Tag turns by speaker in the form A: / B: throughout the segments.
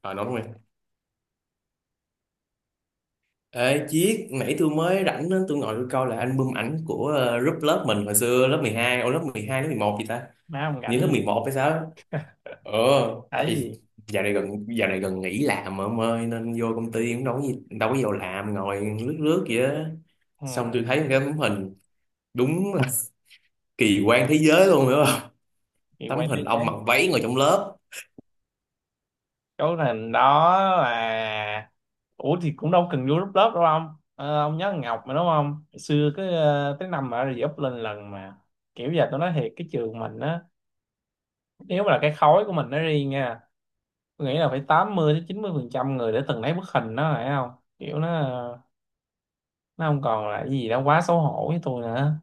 A: Ờ nói rồi. Ê Chiết, nãy tôi mới rảnh á, tôi ngồi tôi coi là album ảnh của group lớp mình hồi xưa, lớp 12, ô lớp 12 lớp 11 gì ta?
B: Má không
A: Như
B: rảnh
A: lớp mười
B: gì
A: một hay sao á? Ờ, Tại
B: ấy
A: vì
B: gì.
A: dạo này gần nghỉ làm mà ông ơi, nên vô công ty cũng đâu có gì, đâu có vào làm, ngồi lướt lướt vậy á.
B: ừ.
A: Xong tôi thấy một cái tấm hình đúng là kỳ quan thế giới luôn, hiểu không?
B: Thì
A: Tấm
B: quen thế
A: hình ông mặc
B: giới
A: váy ngồi trong lớp.
B: chỗ thành đó là, ủa thì cũng đâu cần vô group lớp đâu ông. Ờ, ông nhớ thằng Ngọc mà đúng không? Hồi xưa cái tới năm mà rồi up lên lần mà, kiểu giờ tôi nói thiệt cái trường mình á, nếu mà là cái khối của mình nó riêng nha, tôi nghĩ là phải 80 đến 90 phần trăm người để từng lấy bức hình đó phải không? Kiểu nó nó không còn là cái gì đó quá xấu hổ với tôi nữa.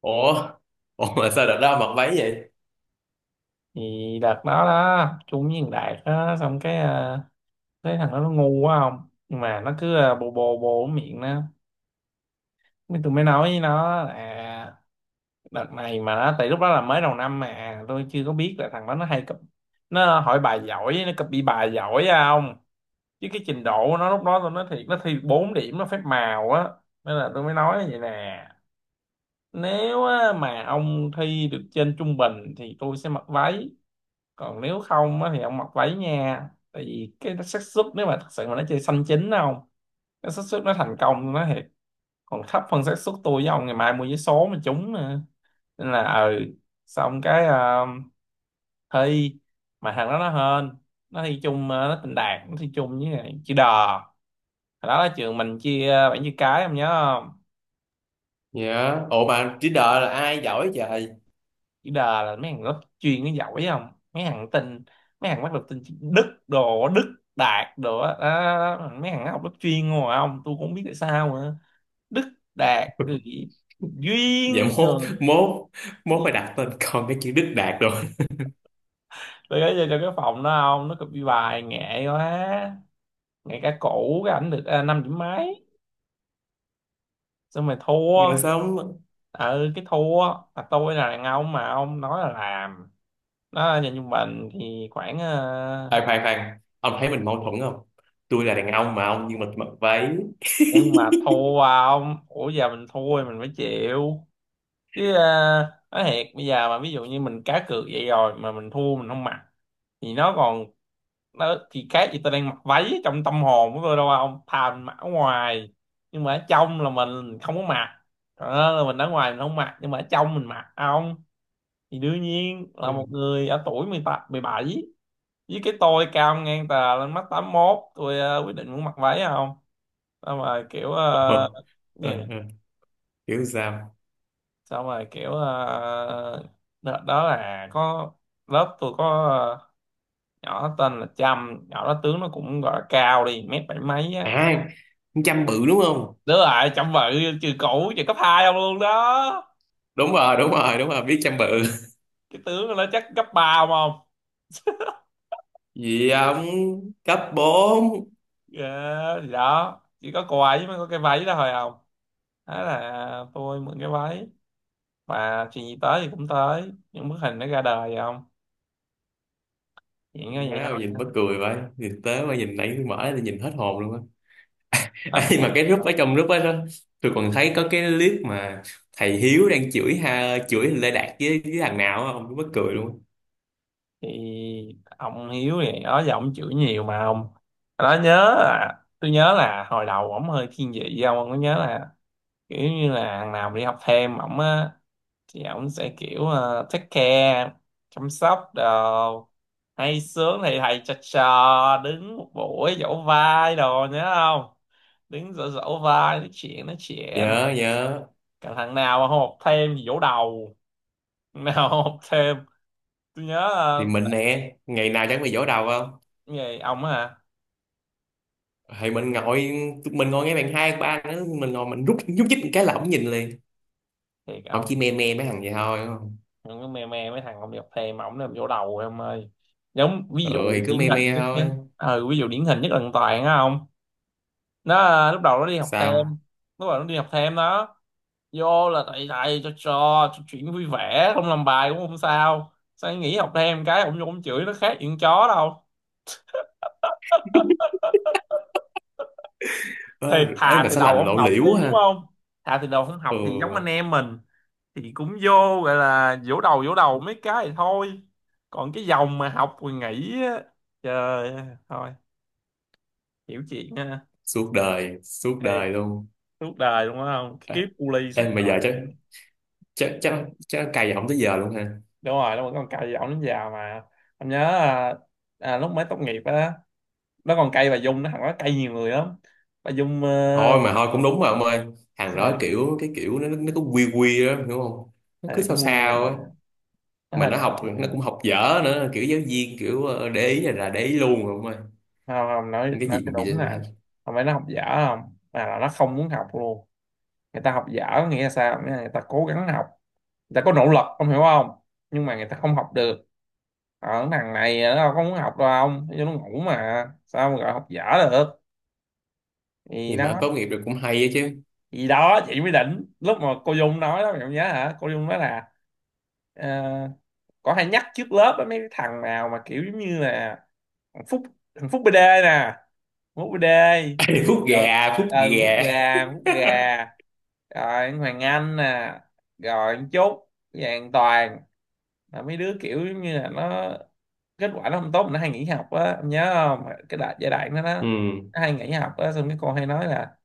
A: Ủa, ủa mà sao đợt đó ông mặc váy vậy?
B: Thì đợt đó đó chung với thằng Đạt á, xong cái thấy thằng đó nó ngu quá không, nhưng mà nó cứ bồ bồ bồ cái miệng nó. Mới tôi mới nói với nó là đợt này mà nó, tại lúc đó là mới đầu năm mà tôi chưa có biết là thằng đó nó hay cập, nó hỏi bài giỏi, nó copy bài giỏi á không. Chứ cái trình độ của nó lúc đó tôi nói thiệt, nó thi 4 điểm nó phép màu á. Nên là tôi mới nói vậy nè, nếu á, mà ông thi được trên trung bình thì tôi sẽ mặc váy, còn nếu không á, thì ông mặc váy nha. Tại vì cái xác suất nếu mà thật sự mà nó chơi xanh chín không, cái xác suất nó thành công nó thiệt còn thấp hơn xác suất tôi với ông ngày mai mua vé số mà trúng nữa. Nên là ừ, xong cái thi mà thằng đó nó hên, nó thi chung nó tình đạt, nó thi chung với lại chữ đờ. Hồi đó là trường mình chia bảng chữ cái ông nhớ không?
A: Dạ. Ủa mà chỉ đợi là ai giỏi trời?
B: Chữ đờ là mấy thằng lớp chuyên nó giỏi không, mấy thằng tin, mấy thằng bắt được tin chữ đức đồ đức đạt đồ á, đó, đó, đó. Mấy thằng nó học lớp chuyên ngồi không, tôi cũng không biết tại sao nữa. Đức Đạt rồi gì?
A: Dạ,
B: Duyên
A: mốt
B: rồi.
A: mốt mốt phải đặt tên con cái chữ Đức Đạt rồi.
B: Tôi gửi cho cái phòng đó ông, nó copy bài nghệ quá, nghệ cả cũ cái ảnh được năm điểm mấy, xong rồi
A: Mà
B: thua.
A: sao không-
B: Ừ, cái thua là tôi là đàn ông mà, ông nói là làm. Đó nhà trung bình thì khoảng
A: Khoan khoan khoan, ông thấy mình mâu thuẫn không? Tôi là đàn ông mà ông, nhưng mà tôi mặc váy.
B: nhưng mà thua ông, ủa giờ mình thua thì mình phải chịu chứ nói thiệt bây giờ mà ví dụ như mình cá cược vậy rồi mà mình thua mình không mặc, thì nó còn, nó thì khác gì tôi đang mặc váy trong tâm hồn của tôi đâu không, thà mặc ở ngoài nhưng mà ở trong là mình không có mặc. Đó, là mình ở ngoài mình không mặc nhưng mà ở trong mình mặc không. Thì đương nhiên là một người ở tuổi mười tám, mười bảy với cái tôi cao ngang tà lên mắt 81 tôi quyết định muốn mặc váy không. Sao mà kiểu
A: Ờ,
B: ờ, gì
A: ờ, ờ, hiểu sao.
B: sao mà kiểu ờ, đợt đó là có, lớp tôi có ờ, nhỏ tên là Trâm, nhỏ đó tướng nó cũng gọi là cao đi mét bảy mấy á.
A: À, con Chăm bự đúng không?
B: Đúng rồi, chăm vợ, trường cũ trường cấp 2 không luôn đó.
A: Đúng rồi đúng rồi đúng rồi, biết Chăm bự.
B: Cái tướng của nó chắc cấp 3 không không.
A: Gì ông? Cấp bốn.
B: Dạ, thì đó chỉ có quà ấy mới có cái váy đó thôi không, thế là tôi mượn cái váy, và chuyện gì tới thì cũng tới, những bức hình nó ra đời vậy không. Chuyện như
A: Má
B: vậy thôi.
A: ơi, nhìn mắc cười vậy, nhìn tớ mà nhìn, nãy tôi mở ra tôi nhìn hết hồn luôn á.
B: Hết
A: Ê, mà
B: hồn.
A: cái group, ở trong group đó, tôi còn thấy có cái clip mà thầy Hiếu đang chửi, ha, chửi Lê Đạt với thằng nào á, ông mắc cười luôn.
B: Thì ông Hiếu thì đó giờ ông chửi nhiều mà ông, đó nhớ là, tôi nhớ là hồi đầu ổng hơi thiên vị với ông có nhớ là kiểu như là thằng nào mà đi học thêm ổng á, thì ổng sẽ kiểu take care, chăm sóc đồ, hay sướng thì thầy trò trò đứng một buổi dỗ vai đồ nhớ không, đứng dỗ dỗ vai nói chuyện nói chuyện.
A: Nhớ nhớ.
B: Cả thằng nào mà không học thêm thì dỗ đầu, thằng nào không học thêm. Tôi nhớ
A: Thì mình nè, ngày nào chẳng bị vỗ đầu không.
B: cái gì ông á hả?
A: Thì mình ngồi Tụi mình ngồi ngay bàn hai ba nữa, mình ngồi mình rút nhúc nhích một cái là ổng nhìn liền.
B: Thiệt
A: Ổng
B: ông
A: chỉ me me mấy thằng vậy thôi đúng không?
B: ông cứ me me mấy thằng không đi học thêm mà ông làm dỗ đầu em ơi. Giống ví
A: Ừ
B: dụ
A: thì cứ
B: điển
A: me
B: hình
A: me
B: nhất nhé,
A: thôi.
B: ừ, ví dụ điển hình nhất là thằng Toàn á không, nó lúc đầu nó đi học thêm
A: Sao?
B: lúc đầu nó đi học thêm đó, vô là thầy thầy cho trò, cho chuyện vui vẻ không làm bài cũng không sao, sao nghỉ học thêm cái ông vô ông chửi nó khác chuyện chó đâu.
A: Ê,
B: Thiệt
A: ê
B: thà
A: mà
B: thì
A: sao
B: đầu
A: làm
B: không
A: lộ
B: học
A: liễu
B: đi
A: quá
B: đúng
A: ha.
B: không, thà thì đầu không
A: Ừ.
B: học thì giống anh em mình thì cũng vô gọi là vỗ đầu mấy cái thì thôi. Còn cái dòng mà học rồi nghỉ á, trời ơi, thôi, hiểu chuyện ha,
A: Suốt đời, suốt
B: thiệt,
A: đời luôn.
B: suốt đời đúng không,
A: Ê,
B: kiếp cu ly
A: ê
B: suốt
A: mà giờ chắc
B: đời.
A: chắc chắc chắc cày ổng tới giờ luôn ha.
B: Đúng rồi, nó vẫn còn cài giọng đến già mà. Anh nhớ lúc mới tốt nghiệp á, nó còn cay bà Dung, nó thằng nó cay nhiều người lắm. Bà Dung
A: Thôi mà thôi cũng đúng mà ông ơi. Thằng đó
B: sao
A: kiểu cái kiểu nó cứ quy quy á hiểu không. Nó
B: thì
A: cứ
B: nó
A: sao
B: quen,
A: sao á.
B: nó
A: Mà
B: hay
A: nó
B: là
A: học
B: chuyện nè.
A: nó cũng học dở nữa, kiểu giáo viên kiểu để ý là để ý luôn ông ơi.
B: Không không nói
A: Nhưng cái
B: nói
A: gì
B: cho
A: mà bị
B: đúng
A: lên.
B: nè, không phải nó học dở, không mà là nó không muốn học luôn. Người ta học dở có nghĩa là sao, nghĩa là người ta cố gắng học, người ta có nỗ lực ông hiểu không, nhưng mà người ta không học được. Ở thằng này nó đâu có muốn học đâu, ông cho nó ngủ mà sao mà gọi học dở được. Thì
A: Thì
B: đó,
A: mà tốt nghiệp được cũng hay á chứ.
B: thì đó chị mới đỉnh lúc mà cô Dung nói đó, mày không nhớ hả? Cô Dung nói là ờ, có hay nhắc trước lớp á, mấy cái thằng nào mà kiểu giống như là thằng Phúc, thằng Phúc BD nè, Phúc BD
A: Ê, phút
B: ờ,
A: gà, phút
B: thằng Phúc
A: gà.
B: gà, thằng Phúc gà, rồi anh Hoàng Anh nè, rồi anh Trúc Vàng Toàn, là mấy đứa kiểu giống như là nó kết quả nó không tốt mà nó hay nghỉ học á, em nhớ không cái đại giai đoạn đó
A: Ừ.
B: nó hay nghỉ học á, xong cái cô hay nói là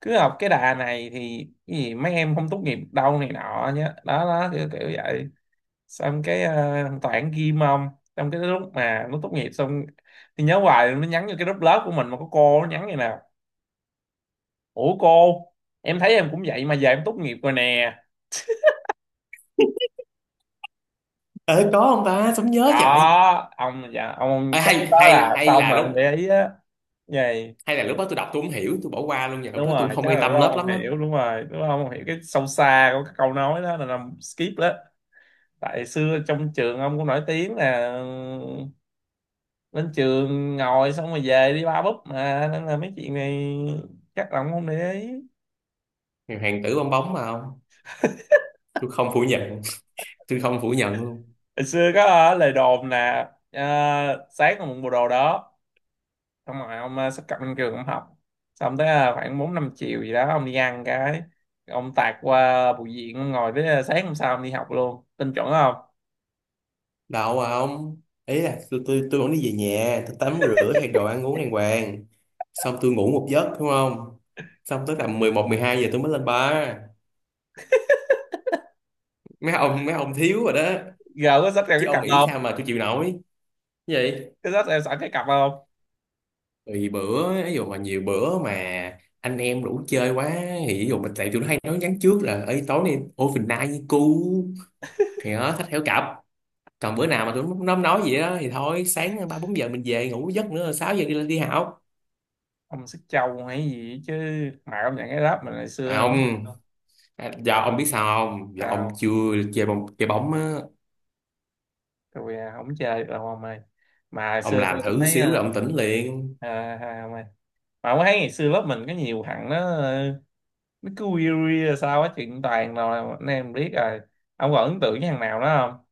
B: cứ học cái đà này thì cái gì mấy em không tốt nghiệp đâu này nọ nhá, đó đó kiểu, kiểu vậy. Xong cái thằng Toản ghim ông, xong cái lúc mà nó tốt nghiệp xong thì nhớ hoài nó nhắn vô cái group lớp của mình mà có cô, nó nhắn như nào, ủa cô em thấy em cũng vậy mà giờ em tốt nghiệp rồi nè.
A: Ờ có không ta, sống
B: Có
A: nhớ trời.
B: ông, dạ
A: Ê,
B: ông chắc lúc
A: hay
B: đó là
A: hay hay
B: xong
A: là
B: mà ông
A: lúc,
B: để ý á, vậy,
A: hay là lúc đó tôi đọc tôi không hiểu tôi bỏ qua luôn, và lúc
B: đúng
A: đó tôi
B: rồi
A: không
B: chắc
A: quan
B: là lúc
A: tâm
B: đó ông
A: lớp
B: không
A: lắm á.
B: hiểu, đúng rồi lúc đó ông không hiểu cái sâu xa của cái câu nói đó là làm skip đó. Tại xưa trong trường ông cũng nổi tiếng là lên trường ngồi xong rồi về đi ba búp mà, nên là mấy chuyện này chắc là ông không để ý.
A: Hàng tử bong bóng mà không. Tôi không phủ nhận, tôi không phủ nhận luôn.
B: Hồi xưa có lời đồn là sáng ông mượn bộ đồ đó, xong rồi ông xách cặp lên trường ông học, xong tới khoảng bốn năm chiều gì đó ông đi ăn cái, ông tạt qua bụi viện ông ngồi tới sáng hôm sau ông đi học luôn tin chuẩn không.
A: Đâu ông, ý là tôi vẫn đi về nhà tôi tắm rửa thay đồ ăn uống đàng hoàng. Xong tôi ngủ một giấc đúng không. Xong tới tầm 11, 12 giờ tôi mới lên bar. Mấy ông, mấy ông thiếu rồi đó.
B: Giờ có xách theo
A: Chứ
B: cái cặp
A: ông nghĩ
B: không,
A: sao mà tôi chịu nổi. Cái gì?
B: có xách theo sẵn cái cặp không?
A: Tùy bữa, ví dụ mà nhiều bữa mà anh em đủ chơi quá, thì ví dụ mình, tại tụi nó hay nói nhắn trước là ấy tối nay ô phình nai với cu, thì nó thách theo cặp. Còn bữa nào mà tụi nó không nói gì đó thì thôi, sáng ba bốn giờ mình về ngủ giấc nữa, sáu giờ đi lên đi học.
B: Ông xách trâu hay gì chứ, mà ông nhận cái ráp mình hồi
A: À,
B: xưa nữa.
A: không. À, dạ ông biết sao không? Dạ ông
B: Sao,
A: chưa chơi bóng, chơi bóng á,
B: tôi không chơi được đâu ông ơi. Mà hồi
A: ông
B: xưa tôi
A: làm
B: cũng
A: thử
B: thấy
A: xíu là ông tỉnh liền.
B: ông ơi, mà ông thấy ngày xưa lớp mình có nhiều thằng nó nó cứ weary rồi sao á chuyện toàn rồi anh em biết rồi, ông còn ấn tượng với thằng nào đó không?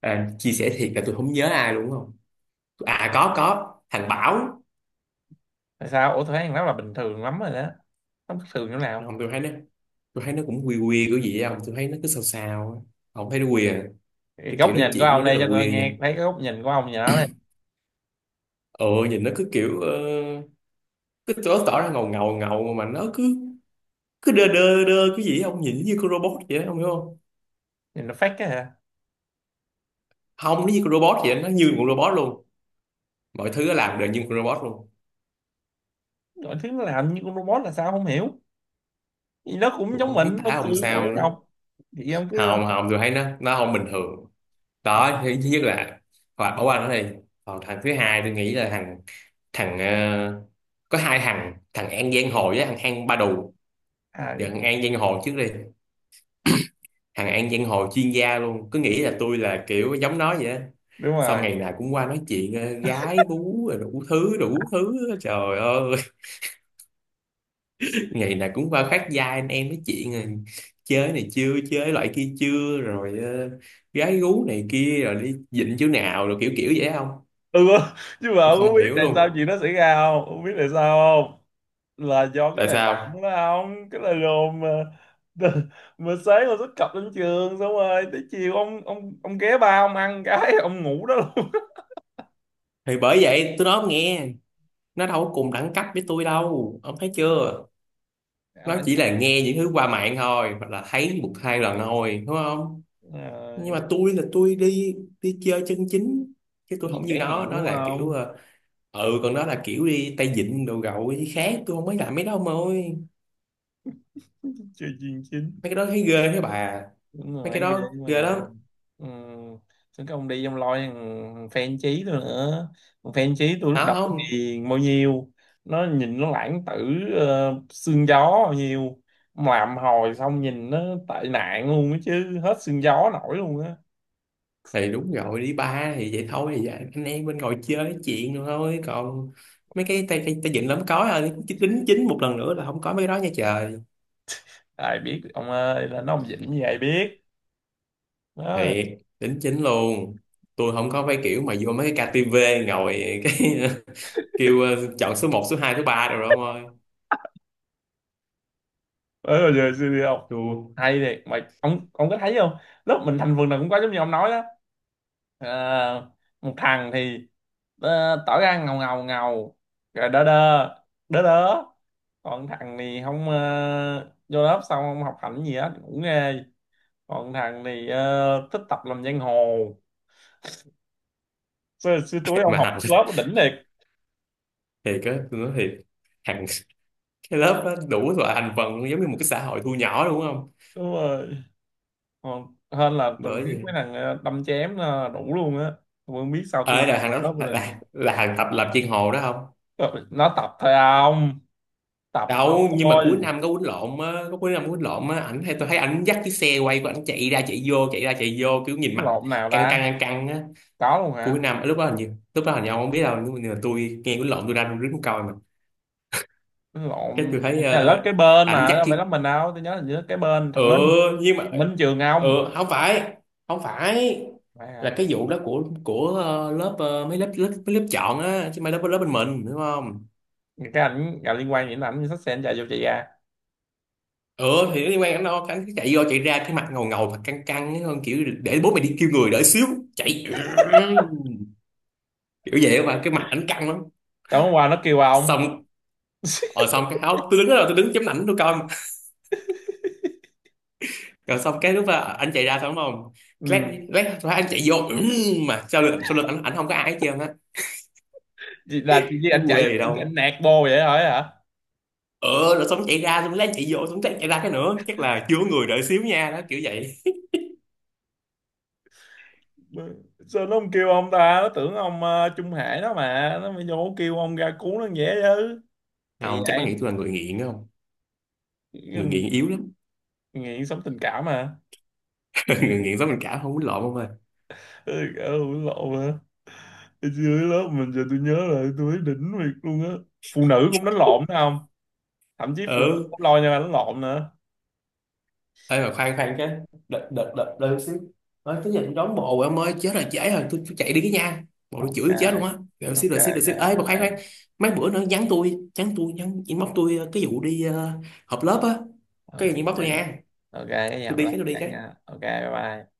A: À, chia sẻ thiệt là tôi không nhớ ai luôn không? À có, thằng Bảo.
B: Tại sao, ủa tôi thấy thằng đó là bình thường lắm rồi đó, không bình thường chỗ nào?
A: Ông, tôi thấy nó, tôi thấy nó cũng quy quy của gì không? Tôi thấy nó cứ sao sao á. Ông thấy nó quy à.
B: Thì
A: Cái
B: góc
A: kiểu nói
B: nhìn của
A: chuyện của
B: ông
A: nó
B: đây
A: rất
B: cho
A: là
B: tôi
A: quy nha.
B: nghe thấy cái góc nhìn của ông nhỏ này.
A: Ờ Nhìn nó cứ kiểu cứ tỏ tỏ ra ngầu ngầu ngầu, mà nó cứ cứ đơ đơ đơ cái gì á, ông nhìn nó như con robot vậy đó, ông hiểu không?
B: Nhìn nó phát cái hả?
A: Không, nó như con robot vậy, đó, nó như một robot luôn. Mọi thứ nó làm đều như một con robot luôn.
B: Mọi thứ nó làm như con robot là sao không hiểu, thì nó cũng
A: Tôi
B: giống
A: cũng không
B: mình
A: biết
B: lên
A: tả ông
B: trường ngồi
A: sao nữa.
B: học. Thì ông cứ
A: Không không, tôi thấy nó không bình thường. Đó, thứ thứ nhất là, hoặc ở qua nó đi. Còn thằng thứ hai tôi nghĩ là thằng thằng ờ, có hai thằng, thằng An Giang Hồ với thằng An Ba Đù.
B: à,
A: Giờ thằng An Giang Hồ trước đi. Thằng An Giang Hồ chuyên gia luôn, cứ nghĩ là tôi là kiểu giống nó vậy đó.
B: đúng
A: Xong
B: rồi.
A: ngày nào cũng qua nói chuyện gái bú rồi đủ thứ trời ơi. Ngày nào cũng vào khác gia anh em nói chuyện, rồi chơi này chưa chơi loại kia chưa, rồi gái gú này kia, rồi đi dịnh chỗ nào, rồi kiểu kiểu vậy không.
B: Ừ, nhưng mà
A: Tôi
B: ông có
A: không
B: biết
A: hiểu
B: tại sao
A: luôn,
B: chuyện nó xảy ra không? Không biết tại sao, không, là do cái
A: tại
B: lời
A: sao.
B: đồn đó, không cái lời đồn mà mà sáng ông xuất cập lên trường xong rồi tới chiều ông ghé ba ông ăn cái ông ngủ đó luôn.
A: Thì bởi vậy tôi nói ông nghe, nó đâu có cùng đẳng cấp với tôi đâu, ông thấy chưa.
B: Ông
A: Nó
B: đã
A: chỉ
B: nhắc
A: là nghe những thứ qua mạng thôi, hoặc là thấy một hai lần thôi đúng không. Nhưng
B: rồi,
A: mà tôi là tôi đi, đi chơi chân chính. Chứ tôi
B: đi
A: không như
B: trải
A: nó
B: nghiệm
A: nó
B: đúng
A: là kiểu
B: không,
A: ừ, còn đó là kiểu đi tay vịn đồ gậu với khác, tôi không mới làm mấy đó ông ơi.
B: chơi chuyên chính,
A: Mấy cái đó thấy ghê thế bà.
B: đúng
A: Mấy cái
B: rồi ghê
A: đó ghê
B: mà.
A: lắm.
B: Ừ. Chứ cái ông đi ông loi, thằng fan chí tôi nữa, thằng fan chí tôi lúc
A: Đó
B: đầu
A: không.
B: thì bao nhiêu, nó nhìn nó lãng tử, xương gió bao nhiêu. Mà làm hồi xong nhìn nó tệ nạn luôn á, chứ hết xương gió nổi luôn á.
A: Thì đúng rồi, đi ba thì vậy thôi thì vậy, anh em bên ngồi chơi nói chuyện rồi thôi, còn mấy cái tay tay, tay dựng lắm có rồi. Đính chính một lần nữa là không có mấy cái đó nha trời.
B: Ai biết được ông ơi là nó ông dĩnh như vậy biết, đó.
A: Thiệt, đính chính luôn. Tôi không có mấy kiểu mà vô mấy cái KTV ngồi cái kêu chọn số một số 2 số 3 rồi đó ông ơi.
B: Ờ giờ xưa đi không,
A: Chua.
B: hay thiệt mà ông có thấy không lúc mình thành vườn nào cũng có giống như ông nói đó. Ờ, Một thằng thì tỏ ra ngầu ngầu ngầu, rồi đơ đơ đơ đớ. Còn thằng thì không, vô lớp xong không học hành gì hết cũng ghê. Còn thằng thì thích tập làm giang hồ. Xưa, xưa túi
A: Thiệt
B: ông
A: mà
B: học
A: hành,
B: lớp đỉnh liệt,
A: thiệt á tôi nói thiệt, hàng. Cái lớp đó đủ loại thành phần giống như một cái xã hội thu nhỏ đúng không.
B: đúng rồi, còn hơn là từng
A: Bởi
B: thiếu
A: vậy.
B: mấy thằng đâm chém đủ luôn á. Tôi không biết sao tôi
A: Ê
B: làm
A: là thằng
B: lớp với
A: đó
B: lên.
A: là thằng tập lập chiên hồ đó không?
B: Trời, nó tập thôi ông, tập tao
A: Đâu, nhưng mà cuối
B: thôi.
A: năm có quýnh lộn á, có cuối năm có quýnh lộn á, ảnh hay tôi thấy ảnh dắt chiếc xe quay của ảnh chạy ra chạy vô, chạy ra chạy vô kiểu nhìn
B: Nó
A: mặt
B: lộn nào
A: căng
B: ta,
A: căng á.
B: có luôn
A: Cuối
B: hả?
A: năm lúc đó hình như, lúc đó hình như ông không biết đâu, nhưng mà tôi nghe quýnh lộn tôi đang đứng coi mà.
B: Nó lộn,
A: Cái tôi thấy
B: hình như là lớp kế bên
A: ảnh
B: mà
A: dắt
B: đâu phải lớp
A: chiếc,
B: mình đâu, tôi nhớ là lớp kế bên
A: ừ,
B: thằng Minh,
A: nhưng mà
B: thằng Minh trường
A: ừ,
B: ông,
A: không phải, không phải,
B: phải hả?
A: là cái vụ đó của lớp mấy lớp, mấy lớp chọn á chứ mấy lớp lớp bên mình đúng không?
B: Những cái ảnh liên quan đến ảnh thì sách sẽ anh chạy vô chị ra.
A: Ừ thì nó liên quan đến nó, cái chạy vô chạy ra cái mặt ngầu ngầu và căng căng ấy, hơn kiểu để bố mày đi kêu người đỡ xíu chạy, kiểu vậy mà cái mặt ảnh căng lắm.
B: Tối hôm qua nó kêu ông.
A: Xong, ờ xong cái áo tôi đứng đó rồi tôi đứng chấm ảnh tôi coi mà. Rồi xong cái lúc mà anh chạy ra xong không, lát
B: Ừ.
A: lát lát anh chạy vô mà sau lưng ảnh, ảnh không có ai hết trơn á.
B: Chị- là chị với
A: Thấy
B: ảnh chạy
A: quê
B: vô
A: gì
B: chị anh
A: đâu.
B: nạt bô vậy hỏi hả,
A: Ờ rồi xong chạy ra, xong lát chạy vô, xong lát chạy ra cái nữa, chắc là chưa có người đợi xíu nha, đó kiểu vậy.
B: sao nó không kêu ông ta, nó tưởng ông Trung Hải đó mà, nó mới vô kêu ông ra cứu nó dễ chứ. Kỳ
A: Không chắc nó
B: vậy.
A: nghĩ tôi là người nghiện đó không. Người
B: Ừ,
A: nghiện yếu lắm.
B: nghiện sống tình cảm mà.
A: Người nghiện giống mình cả, không muốn lộn không ơi.
B: Ừ, ừ, lộ mà. Hồi xưa dưới lớp mình giờ tôi nhớ lại tôi thấy đỉnh việc luôn á, phụ nữ cũng đánh lộn phải không, thậm chí phụ nữ
A: Ừ.
B: cũng lo nhau đánh lộn nữa.
A: Ê mà khoan khoan cái, đợi đợi chút xíu, nói cái giờ tôi đón bộ em ơi chết rồi trễ rồi, tôi chạy đi cái nha, bộ nó chửi tôi chết luôn
B: Ok,
A: á. Đợi xíu
B: ok,
A: đợi xíu đợi xíu. Ê
B: ok.
A: mà khoan khoan,
B: Ok,
A: mấy bữa nữa nhắn tôi, nhắn inbox tôi cái vụ đi họp lớp á. Cái
B: ok,
A: gì inbox tôi nha.
B: ok cái
A: Tôi
B: giọng
A: đi cái,
B: lắm
A: tôi đi
B: chẳng nha.
A: cái.
B: Ok, bye bye.